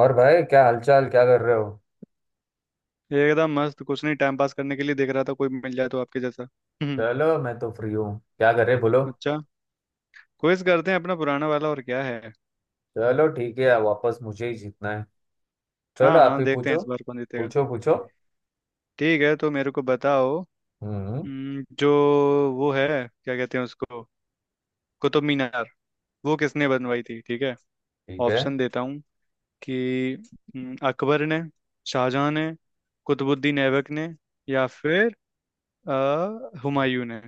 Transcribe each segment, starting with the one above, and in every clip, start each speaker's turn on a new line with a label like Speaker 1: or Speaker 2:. Speaker 1: और भाई, क्या हालचाल? क्या कर रहे हो?
Speaker 2: एकदम मस्त। कुछ नहीं, टाइम पास करने के लिए देख रहा था, कोई मिल जाए तो आपके जैसा। हम्म।
Speaker 1: चलो, मैं तो फ्री हूँ। क्या कर रहे बोलो।
Speaker 2: अच्छा। क्विज करते हैं अपना पुराना वाला, और क्या है।
Speaker 1: चलो ठीक है, वापस मुझे ही जीतना है। चलो,
Speaker 2: हाँ
Speaker 1: आप
Speaker 2: हाँ,
Speaker 1: ही
Speaker 2: देखते हैं
Speaker 1: पूछो।
Speaker 2: इस बार कौन जीतेगा।
Speaker 1: पूछो पूछो।
Speaker 2: ठीक है, तो मेरे को बताओ।
Speaker 1: हम्म।
Speaker 2: जो वो है, क्या कहते हैं उसको, कुतुब मीनार, वो किसने बनवाई थी? ठीक है,
Speaker 1: ठीक है।
Speaker 2: ऑप्शन देता हूँ कि अकबर ने, शाहजहां ने, कुतुबुद्दीन ऐबक ने, या फिर अ, हुमायूं ने।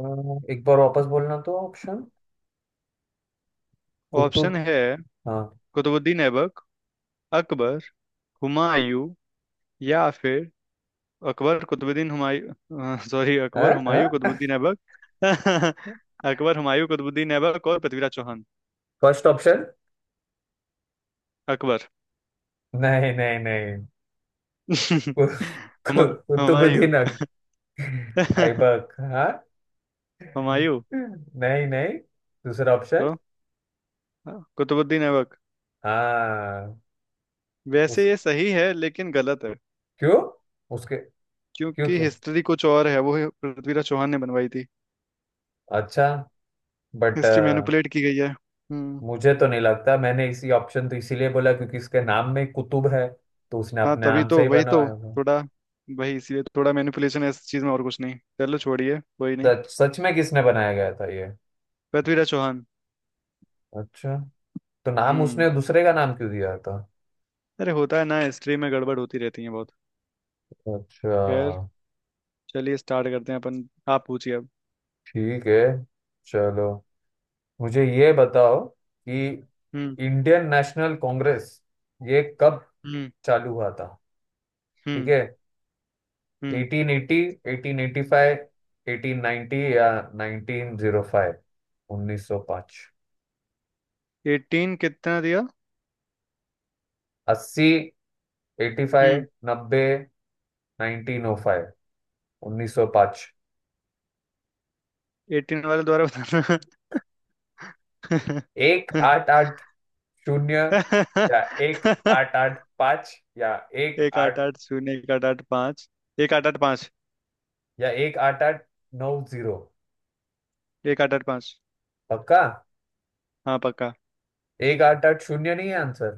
Speaker 1: एक बार वापस बोलना तो ऑप्शन।
Speaker 2: ऑप्शन
Speaker 1: कुतुब।
Speaker 2: है
Speaker 1: हाँ।
Speaker 2: कुतुबुद्दीन ऐबक, अकबर, हुमायूं, या फिर अकबर कुतुबुद्दीन हुमायूं, सॉरी, अकबर हुमायूं
Speaker 1: है।
Speaker 2: कुतुबुद्दीन ऐबक। अकबर हुमायूं कुतुबुद्दीन ऐबक और पृथ्वीराज चौहान।
Speaker 1: First option.
Speaker 2: अकबर।
Speaker 1: नहीं नहीं नहीं। कु-
Speaker 2: हम
Speaker 1: कु-
Speaker 2: हुमायूं।
Speaker 1: कुतुबुद्दीन ऐबक, हाँ।
Speaker 2: हुमायूं।
Speaker 1: नहीं नहीं। दूसरा ऑप्शन।
Speaker 2: तो कुतुबुद्दीन ऐबक।
Speaker 1: हाँ।
Speaker 2: वैसे
Speaker 1: उस
Speaker 2: ये सही है लेकिन गलत है।
Speaker 1: क्यों? उसके क्यों
Speaker 2: क्योंकि
Speaker 1: के
Speaker 2: हिस्ट्री कुछ और है वो। पृथ्वीराज चौहान ने बनवाई थी।
Speaker 1: अच्छा। बट
Speaker 2: हिस्ट्री मैनिपुलेट की गई है। हम्म।
Speaker 1: मुझे तो नहीं लगता, मैंने इसी ऑप्शन तो इसीलिए बोला क्योंकि इसके नाम में कुतुब है। तो उसने
Speaker 2: हाँ
Speaker 1: अपने
Speaker 2: तभी
Speaker 1: नाम से
Speaker 2: तो,
Speaker 1: ही
Speaker 2: वही
Speaker 1: बनाया
Speaker 2: तो,
Speaker 1: है।
Speaker 2: थोड़ा, वही इसीलिए थोड़ा मैनिपुलेशन है इस चीज में, और कुछ नहीं। चलो छोड़िए, कोई नहीं।
Speaker 1: सच सच में किसने बनाया गया था ये?
Speaker 2: पृथ्वीराज चौहान।
Speaker 1: अच्छा, तो नाम
Speaker 2: हम्म।
Speaker 1: उसने दूसरे का नाम क्यों दिया था?
Speaker 2: अरे, होता है ना, हिस्ट्री में गड़बड़ होती रहती है बहुत।
Speaker 1: अच्छा।
Speaker 2: खैर, चलिए स्टार्ट करते हैं अपन। आप पूछिए अब।
Speaker 1: ठीक है। चलो, मुझे ये बताओ कि
Speaker 2: हम्म।
Speaker 1: इंडियन नेशनल कांग्रेस ये कब
Speaker 2: हम्म।
Speaker 1: चालू हुआ था? ठीक
Speaker 2: हम्म।
Speaker 1: है।
Speaker 2: हम्म।
Speaker 1: 1880, 1885, 1890 या 1905। 1905।
Speaker 2: 18 कितना दिया?
Speaker 1: अस्सी, एटी फाइव,
Speaker 2: हम्म।
Speaker 1: नब्बे, नाइनटीन ओ फाइव। उन्नीस सौ पाँच।
Speaker 2: एटीन वाले द्वारा बताना।
Speaker 1: एक आठ आठ शून्य या एक आठ आठ पाँच एक
Speaker 2: एक आठ
Speaker 1: आठ
Speaker 2: आठ शून्य 1885, 1885।
Speaker 1: या एक आठ आठ नौ जीरो।
Speaker 2: एक आठ आठ पाँच।
Speaker 1: पक्का।
Speaker 2: हाँ पक्का।
Speaker 1: एक आठ आठ शून्य नहीं है आंसर।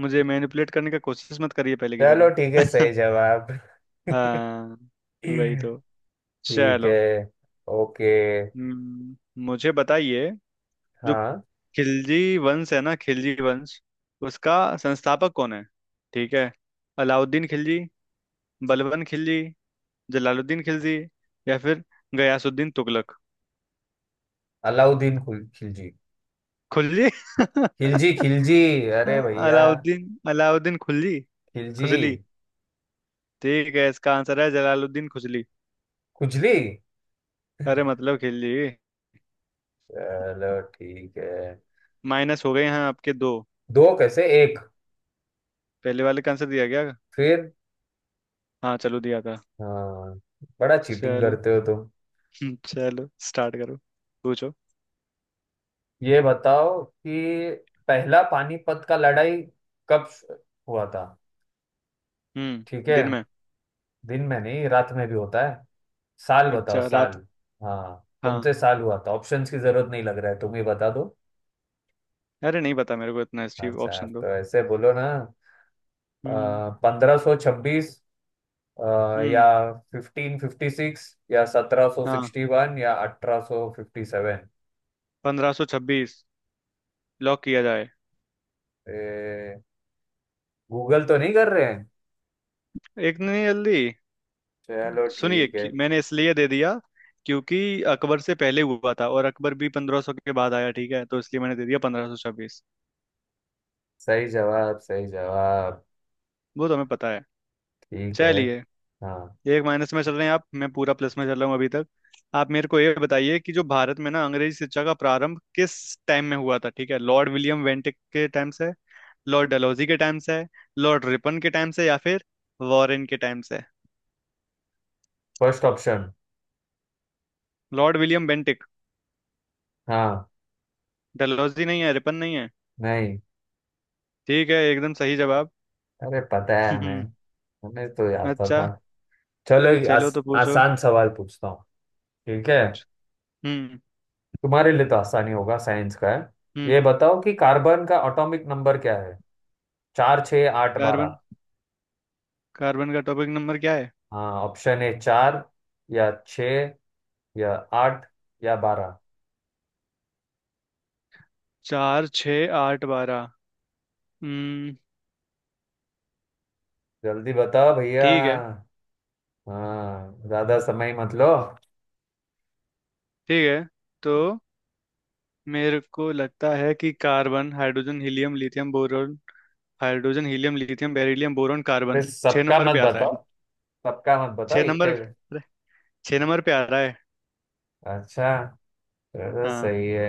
Speaker 2: मुझे मैनिपुलेट करने का कोशिश मत करिए पहले की
Speaker 1: चलो ठीक है,
Speaker 2: तरह।
Speaker 1: सही जवाब।
Speaker 2: हाँ। वही तो।
Speaker 1: ठीक है।
Speaker 2: चलो।
Speaker 1: ओके।
Speaker 2: हम्म, मुझे बताइए, जो
Speaker 1: हाँ।
Speaker 2: खिलजी वंश है ना, खिलजी वंश, उसका संस्थापक कौन है? ठीक है, अलाउद्दीन खिलजी, बलबन खिलजी, जलालुद्दीन खिलजी, या फिर गयासुद्दीन तुगलक।
Speaker 1: अलाउद्दीन खिलजी।
Speaker 2: खुलजी।
Speaker 1: खिलजी खिलजी। अरे भैया!
Speaker 2: अलाउद्दीन, अलाउद्दीन खुलजी।
Speaker 1: खिलजी।
Speaker 2: खुजली। ठीक है, इसका आंसर है जलालुद्दीन खुजली।
Speaker 1: खुजली।
Speaker 2: अरे मतलब खिलजी।
Speaker 1: चलो ठीक है।
Speaker 2: माइनस हो गए हैं आपके दो।
Speaker 1: दो कैसे, एक?
Speaker 2: पहले वाले का आंसर दिया गया।
Speaker 1: फिर?
Speaker 2: हाँ चलो, दिया था।
Speaker 1: हाँ। बड़ा चीटिंग
Speaker 2: चलो।
Speaker 1: करते हो तुम।
Speaker 2: चलो स्टार्ट करो। पूछो।
Speaker 1: ये बताओ कि पहला पानीपत का लड़ाई कब हुआ था?
Speaker 2: हम्म,
Speaker 1: ठीक है।
Speaker 2: दिन में।
Speaker 1: दिन में नहीं, रात में भी होता है। साल बताओ,
Speaker 2: अच्छा,
Speaker 1: साल।
Speaker 2: रात।
Speaker 1: हाँ, कौन
Speaker 2: हाँ।
Speaker 1: से साल हुआ था? ऑप्शंस की जरूरत नहीं लग रहा है, तुम ही बता दो।
Speaker 2: अरे नहीं पता मेरे को इतना हिस्ट्री,
Speaker 1: अच्छा,
Speaker 2: ऑप्शन दो।
Speaker 1: तो ऐसे बोलो ना।
Speaker 2: हम्म।
Speaker 1: 1526 या
Speaker 2: हम्म।
Speaker 1: 1556 या सत्रह सौ
Speaker 2: हाँ,
Speaker 1: सिक्सटी वन या 1857।
Speaker 2: 1526, लॉक किया जाए।
Speaker 1: गूगल तो नहीं कर रहे हैं?
Speaker 2: एक नहीं, जल्दी।
Speaker 1: चलो ठीक है।
Speaker 2: मैंने इसलिए दे दिया क्योंकि अकबर से पहले हुआ था और अकबर भी 1500 के बाद आया, ठीक है, तो इसलिए मैंने दे दिया 1526।
Speaker 1: सही जवाब, सही जवाब।
Speaker 2: वो तो हमें पता है।
Speaker 1: ठीक है।
Speaker 2: चलिए।
Speaker 1: हाँ।
Speaker 2: एक माइनस में चल रहे हैं आप, मैं पूरा प्लस में चल रहा हूँ अभी तक। आप मेरे को ये बताइए कि जो भारत में ना अंग्रेजी शिक्षा का प्रारंभ किस टाइम में हुआ था, ठीक है, लॉर्ड विलियम वेंटिक के टाइम से, लॉर्ड डलहौजी के टाइम से है, लॉर्ड रिपन के टाइम से, या फिर वॉरेन के टाइम से है।
Speaker 1: First option.
Speaker 2: Lord William Bentinck.
Speaker 1: हाँ।
Speaker 2: डलहौजी नहीं है, रिपन नहीं है।
Speaker 1: नहीं।
Speaker 2: ठीक है, एकदम सही जवाब।
Speaker 1: अरे, पता है हमें। हमें तो आता
Speaker 2: अच्छा।
Speaker 1: था। चलो, एक
Speaker 2: चलो तो पूछो।
Speaker 1: आसान सवाल पूछता हूँ। ठीक है।
Speaker 2: हम्म।
Speaker 1: तुम्हारे लिए तो आसानी होगा, साइंस का है। ये
Speaker 2: हम्म।
Speaker 1: बताओ कि कार्बन का एटॉमिक नंबर क्या है? चार, छः, आठ,
Speaker 2: कार्बन।
Speaker 1: बारह।
Speaker 2: कार्बन का टॉपिक नंबर क्या है?
Speaker 1: हाँ, ऑप्शन है चार या छः या आठ या बारह।
Speaker 2: 4, 6, 8, 12। हम्म।
Speaker 1: जल्दी बताओ भैया।
Speaker 2: ठीक है।
Speaker 1: हाँ, ज्यादा समय मत लो।
Speaker 2: ठीक है, तो मेरे को लगता है कि carbon, hydrogen helium lithium boron, hydrogen helium lithium beryllium boron
Speaker 1: फिर
Speaker 2: कार्बन, छह
Speaker 1: सबका
Speaker 2: नंबर पे
Speaker 1: मत
Speaker 2: आता है।
Speaker 1: बताओ। सबका मत बताओ,
Speaker 2: छह
Speaker 1: एक का
Speaker 2: नंबर
Speaker 1: ही।
Speaker 2: 6 नंबर पे आ रहा है।
Speaker 1: अच्छा, चलो,
Speaker 2: हाँ।
Speaker 1: सही है।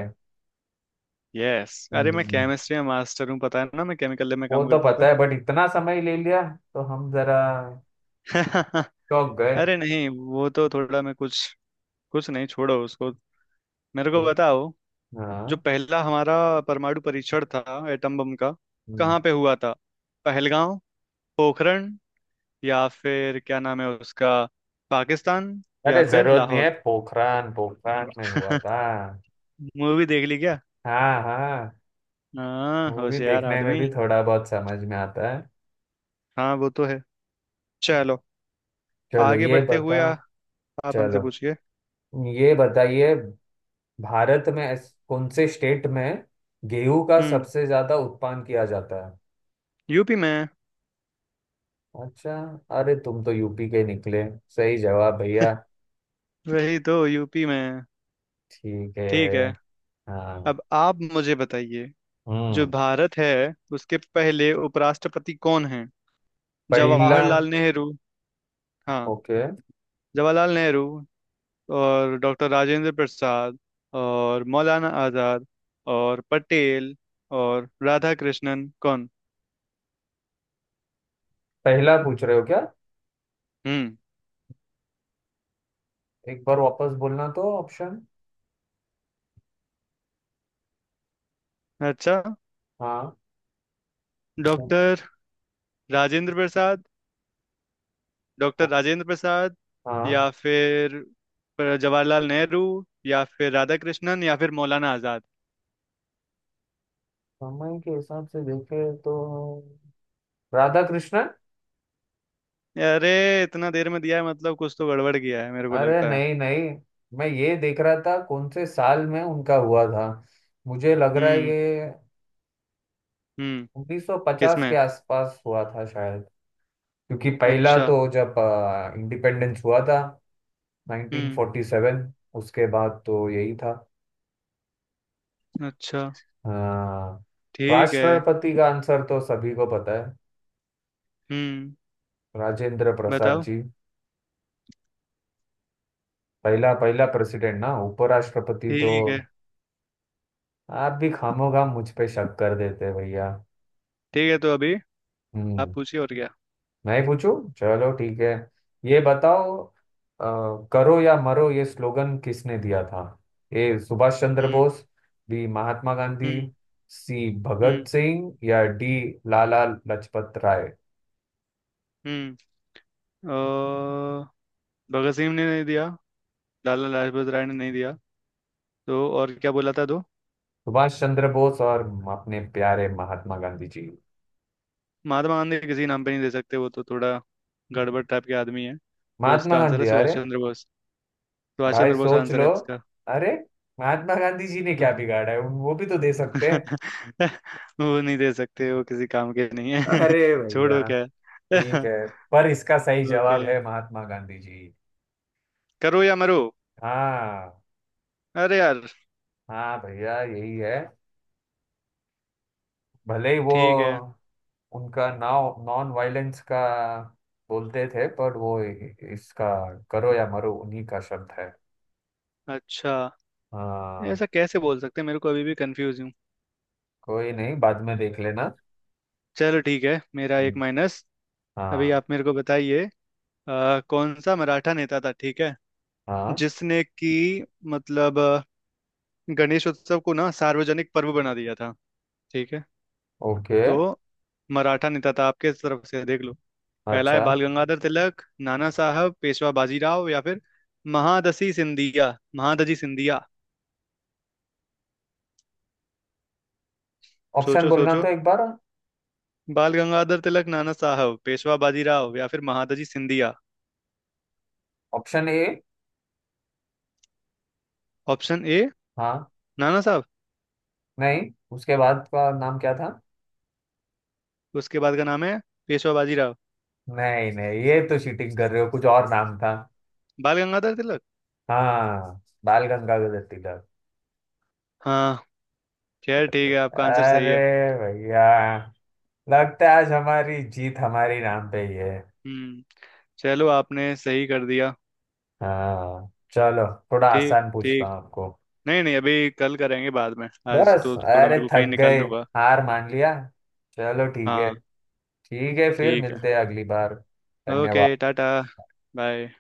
Speaker 2: यस, अरे मैं
Speaker 1: हम्म।
Speaker 2: केमिस्ट्री में मास्टर हूँ, पता है ना, मैं केमिकल लैब में
Speaker 1: वो
Speaker 2: काम
Speaker 1: तो
Speaker 2: करता
Speaker 1: पता
Speaker 2: था।
Speaker 1: है, बट इतना समय ले लिया तो हम जरा चौंक गए।
Speaker 2: अरे नहीं, वो तो थोड़ा मैं कुछ, कुछ नहीं, छोड़ो उसको। मेरे को बताओ, जो
Speaker 1: हाँ।
Speaker 2: पहला हमारा परमाणु परीक्षण था एटम बम का,
Speaker 1: हम्म।
Speaker 2: कहाँ पे हुआ था? पहलगांव, पोखरण, या फिर क्या नाम है उसका, पाकिस्तान,
Speaker 1: अरे,
Speaker 2: या फिर
Speaker 1: जरूरत नहीं
Speaker 2: लाहौर।
Speaker 1: है, पोखरान पोखरान में हुआ था।
Speaker 2: मूवी देख ली क्या?
Speaker 1: हाँ हाँ।
Speaker 2: हाँ,
Speaker 1: मूवी
Speaker 2: होशियार
Speaker 1: देखने में
Speaker 2: आदमी।
Speaker 1: भी थोड़ा बहुत समझ में आता है।
Speaker 2: हाँ वो तो है। चलो,
Speaker 1: चलो
Speaker 2: आगे
Speaker 1: ये
Speaker 2: बढ़ते
Speaker 1: बता
Speaker 2: हुए आप हमसे
Speaker 1: चलो
Speaker 2: पूछिए।
Speaker 1: ये बताइए, भारत में कौन से स्टेट में गेहूं का
Speaker 2: हम्म।
Speaker 1: सबसे ज्यादा उत्पादन किया जाता है?
Speaker 2: यूपी में।
Speaker 1: अच्छा, अरे तुम तो यूपी के निकले। सही जवाब भैया।
Speaker 2: वही तो, यूपी में है।
Speaker 1: ठीक
Speaker 2: ठीक है।
Speaker 1: है। हाँ।
Speaker 2: अब आप मुझे बताइए, जो
Speaker 1: हम्म।
Speaker 2: भारत है उसके पहले उपराष्ट्रपति कौन हैं?
Speaker 1: पहला?
Speaker 2: जवाहरलाल नेहरू। हाँ।
Speaker 1: ओके।
Speaker 2: जवाहरलाल नेहरू, और डॉक्टर राजेंद्र प्रसाद, और मौलाना आजाद, और पटेल, और राधा कृष्णन, कौन?
Speaker 1: पहला पूछ रहे हो क्या?
Speaker 2: हम्म।
Speaker 1: एक बार वापस बोलना तो ऑप्शन।
Speaker 2: अच्छा।
Speaker 1: हाँ। ओ-
Speaker 2: डॉक्टर राजेंद्र प्रसाद, डॉक्टर
Speaker 1: ओ-
Speaker 2: राजेंद्र प्रसाद, या
Speaker 1: हाँ,
Speaker 2: फिर जवाहरलाल नेहरू, या फिर राधा कृष्णन, या फिर मौलाना आजाद।
Speaker 1: समय के हिसाब से देखे तो राधा कृष्ण।
Speaker 2: अरे इतना देर में दिया है मतलब कुछ तो गड़बड़ किया है मेरे को
Speaker 1: अरे
Speaker 2: लगता है।
Speaker 1: नहीं नहीं, मैं ये देख रहा था कौन से साल में उनका हुआ था। मुझे लग रहा है
Speaker 2: हम्म।
Speaker 1: ये
Speaker 2: हम्म।
Speaker 1: 1950 के
Speaker 2: किसमें?
Speaker 1: आसपास हुआ था शायद। क्योंकि पहला
Speaker 2: अच्छा।
Speaker 1: तो जब इंडिपेंडेंस हुआ था,
Speaker 2: हम्म।
Speaker 1: 1947। उसके बाद तो यही था।
Speaker 2: अच्छा।
Speaker 1: अ,
Speaker 2: ठीक है।
Speaker 1: राष्ट्रपति का आंसर तो सभी को पता है।
Speaker 2: हम्म।
Speaker 1: राजेंद्र प्रसाद
Speaker 2: बताओ।
Speaker 1: जी। पहला पहला प्रेसिडेंट ना, उपराष्ट्रपति तो।
Speaker 2: ठीक है।
Speaker 1: आप भी खामोखाम मुझ पे शक कर देते हैं भैया।
Speaker 2: ठीक है, तो अभी आप
Speaker 1: हम्म।
Speaker 2: पूछिए और क्या।
Speaker 1: मैं ही पूछूं? चलो ठीक है। ये बताओ, करो या मरो ये स्लोगन किसने दिया था? ए, सुभाष चंद्र
Speaker 2: हम्म।
Speaker 1: बोस। बी, महात्मा गांधी।
Speaker 2: हम्म।
Speaker 1: सी, भगत
Speaker 2: हम्म।
Speaker 1: सिंह। या डी, लाला लजपत राय।
Speaker 2: हम्म। अ, भगत सिंह ने नहीं दिया, लाला लाजपत राय ने नहीं दिया, तो और क्या बोला था, दो?
Speaker 1: सुभाष चंद्र बोस और अपने प्यारे महात्मा गांधी जी।
Speaker 2: महात्मा गांधी किसी नाम पे नहीं दे सकते, वो तो थोड़ा गड़बड़ टाइप के आदमी है। तो
Speaker 1: महात्मा
Speaker 2: इसका आंसर है
Speaker 1: गांधी,
Speaker 2: सुभाष
Speaker 1: अरे
Speaker 2: चंद्र बोस। सुभाष
Speaker 1: भाई,
Speaker 2: चंद्र बोस
Speaker 1: सोच
Speaker 2: आंसर
Speaker 1: लो।
Speaker 2: है इसका।
Speaker 1: अरे, महात्मा गांधी जी ने क्या बिगाड़ा है? वो भी तो दे सकते हैं।
Speaker 2: वो नहीं दे सकते, वो किसी काम के नहीं है।
Speaker 1: अरे
Speaker 2: छोड़ो
Speaker 1: भैया।
Speaker 2: क्या।
Speaker 1: ठीक है, पर इसका सही
Speaker 2: ओके,
Speaker 1: जवाब है, महात्मा गांधी जी।
Speaker 2: करो या मरो।
Speaker 1: हाँ।
Speaker 2: अरे यार।
Speaker 1: हाँ भैया, यही है। भले ही वो
Speaker 2: ठीक है।
Speaker 1: उनका नाव नॉन वायलेंस का बोलते थे, पर वो इसका करो या मरो उन्हीं का शब्द है।
Speaker 2: अच्छा,
Speaker 1: हाँ।
Speaker 2: ऐसा कैसे बोल सकते हैं, मेरे को अभी भी कंफ्यूज हूँ।
Speaker 1: कोई नहीं, बाद में देख लेना।
Speaker 2: चलो ठीक है, मेरा एक
Speaker 1: हम्म।
Speaker 2: माइनस। अभी
Speaker 1: हाँ।
Speaker 2: आप मेरे को बताइए, कौन सा मराठा नेता था, ठीक है,
Speaker 1: हाँ।
Speaker 2: जिसने कि मतलब गणेश उत्सव को ना सार्वजनिक पर्व बना दिया था, ठीक है,
Speaker 1: ओके।
Speaker 2: तो मराठा नेता था, आपके तरफ से देख लो। पहला है
Speaker 1: अच्छा।
Speaker 2: बाल गंगाधर तिलक, नाना साहब पेशवा बाजीराव, या फिर महादजी सिंधिया, महादजी सिंधिया।
Speaker 1: ऑप्शन
Speaker 2: सोचो
Speaker 1: बोलना
Speaker 2: सोचो।
Speaker 1: तो एक बार।
Speaker 2: बाल गंगाधर तिलक, नाना साहब पेशवा बाजीराव, या फिर Mahadji Scindia.
Speaker 1: Option A.
Speaker 2: Option A.
Speaker 1: हाँ।
Speaker 2: नाना साहब।
Speaker 1: नहीं, उसके बाद का नाम क्या था?
Speaker 2: उसके बाद का नाम है पेशवा बाजीराव।
Speaker 1: नहीं नहीं, ये तो चीटिंग कर रहे हो, कुछ और नाम था।
Speaker 2: बाल गंगाधर तिलक।
Speaker 1: हाँ, बाल गंगाधर तिलक।
Speaker 2: हाँ। खैर ठीक है, आपका आंसर सही
Speaker 1: अरे
Speaker 2: है।
Speaker 1: भैया, लगता है आज हमारी जीत हमारी नाम पे ही है।
Speaker 2: हम्म। चलो, आपने सही कर दिया।
Speaker 1: हाँ चलो। थोड़ा
Speaker 2: ठीक
Speaker 1: आसान पूछता
Speaker 2: ठीक।
Speaker 1: हूँ आपको।
Speaker 2: नहीं नहीं, अभी कल करेंगे, बाद में, आज
Speaker 1: बस।
Speaker 2: तो थोड़ा
Speaker 1: अरे
Speaker 2: मेरे को कहीं
Speaker 1: थक गए,
Speaker 2: निकलना होगा।
Speaker 1: हार मान लिया। चलो ठीक है।
Speaker 2: हाँ।
Speaker 1: ठीक है, फिर
Speaker 2: ठीक है।
Speaker 1: मिलते हैं अगली बार।
Speaker 2: ओके,
Speaker 1: धन्यवाद।
Speaker 2: टाटा। बाय।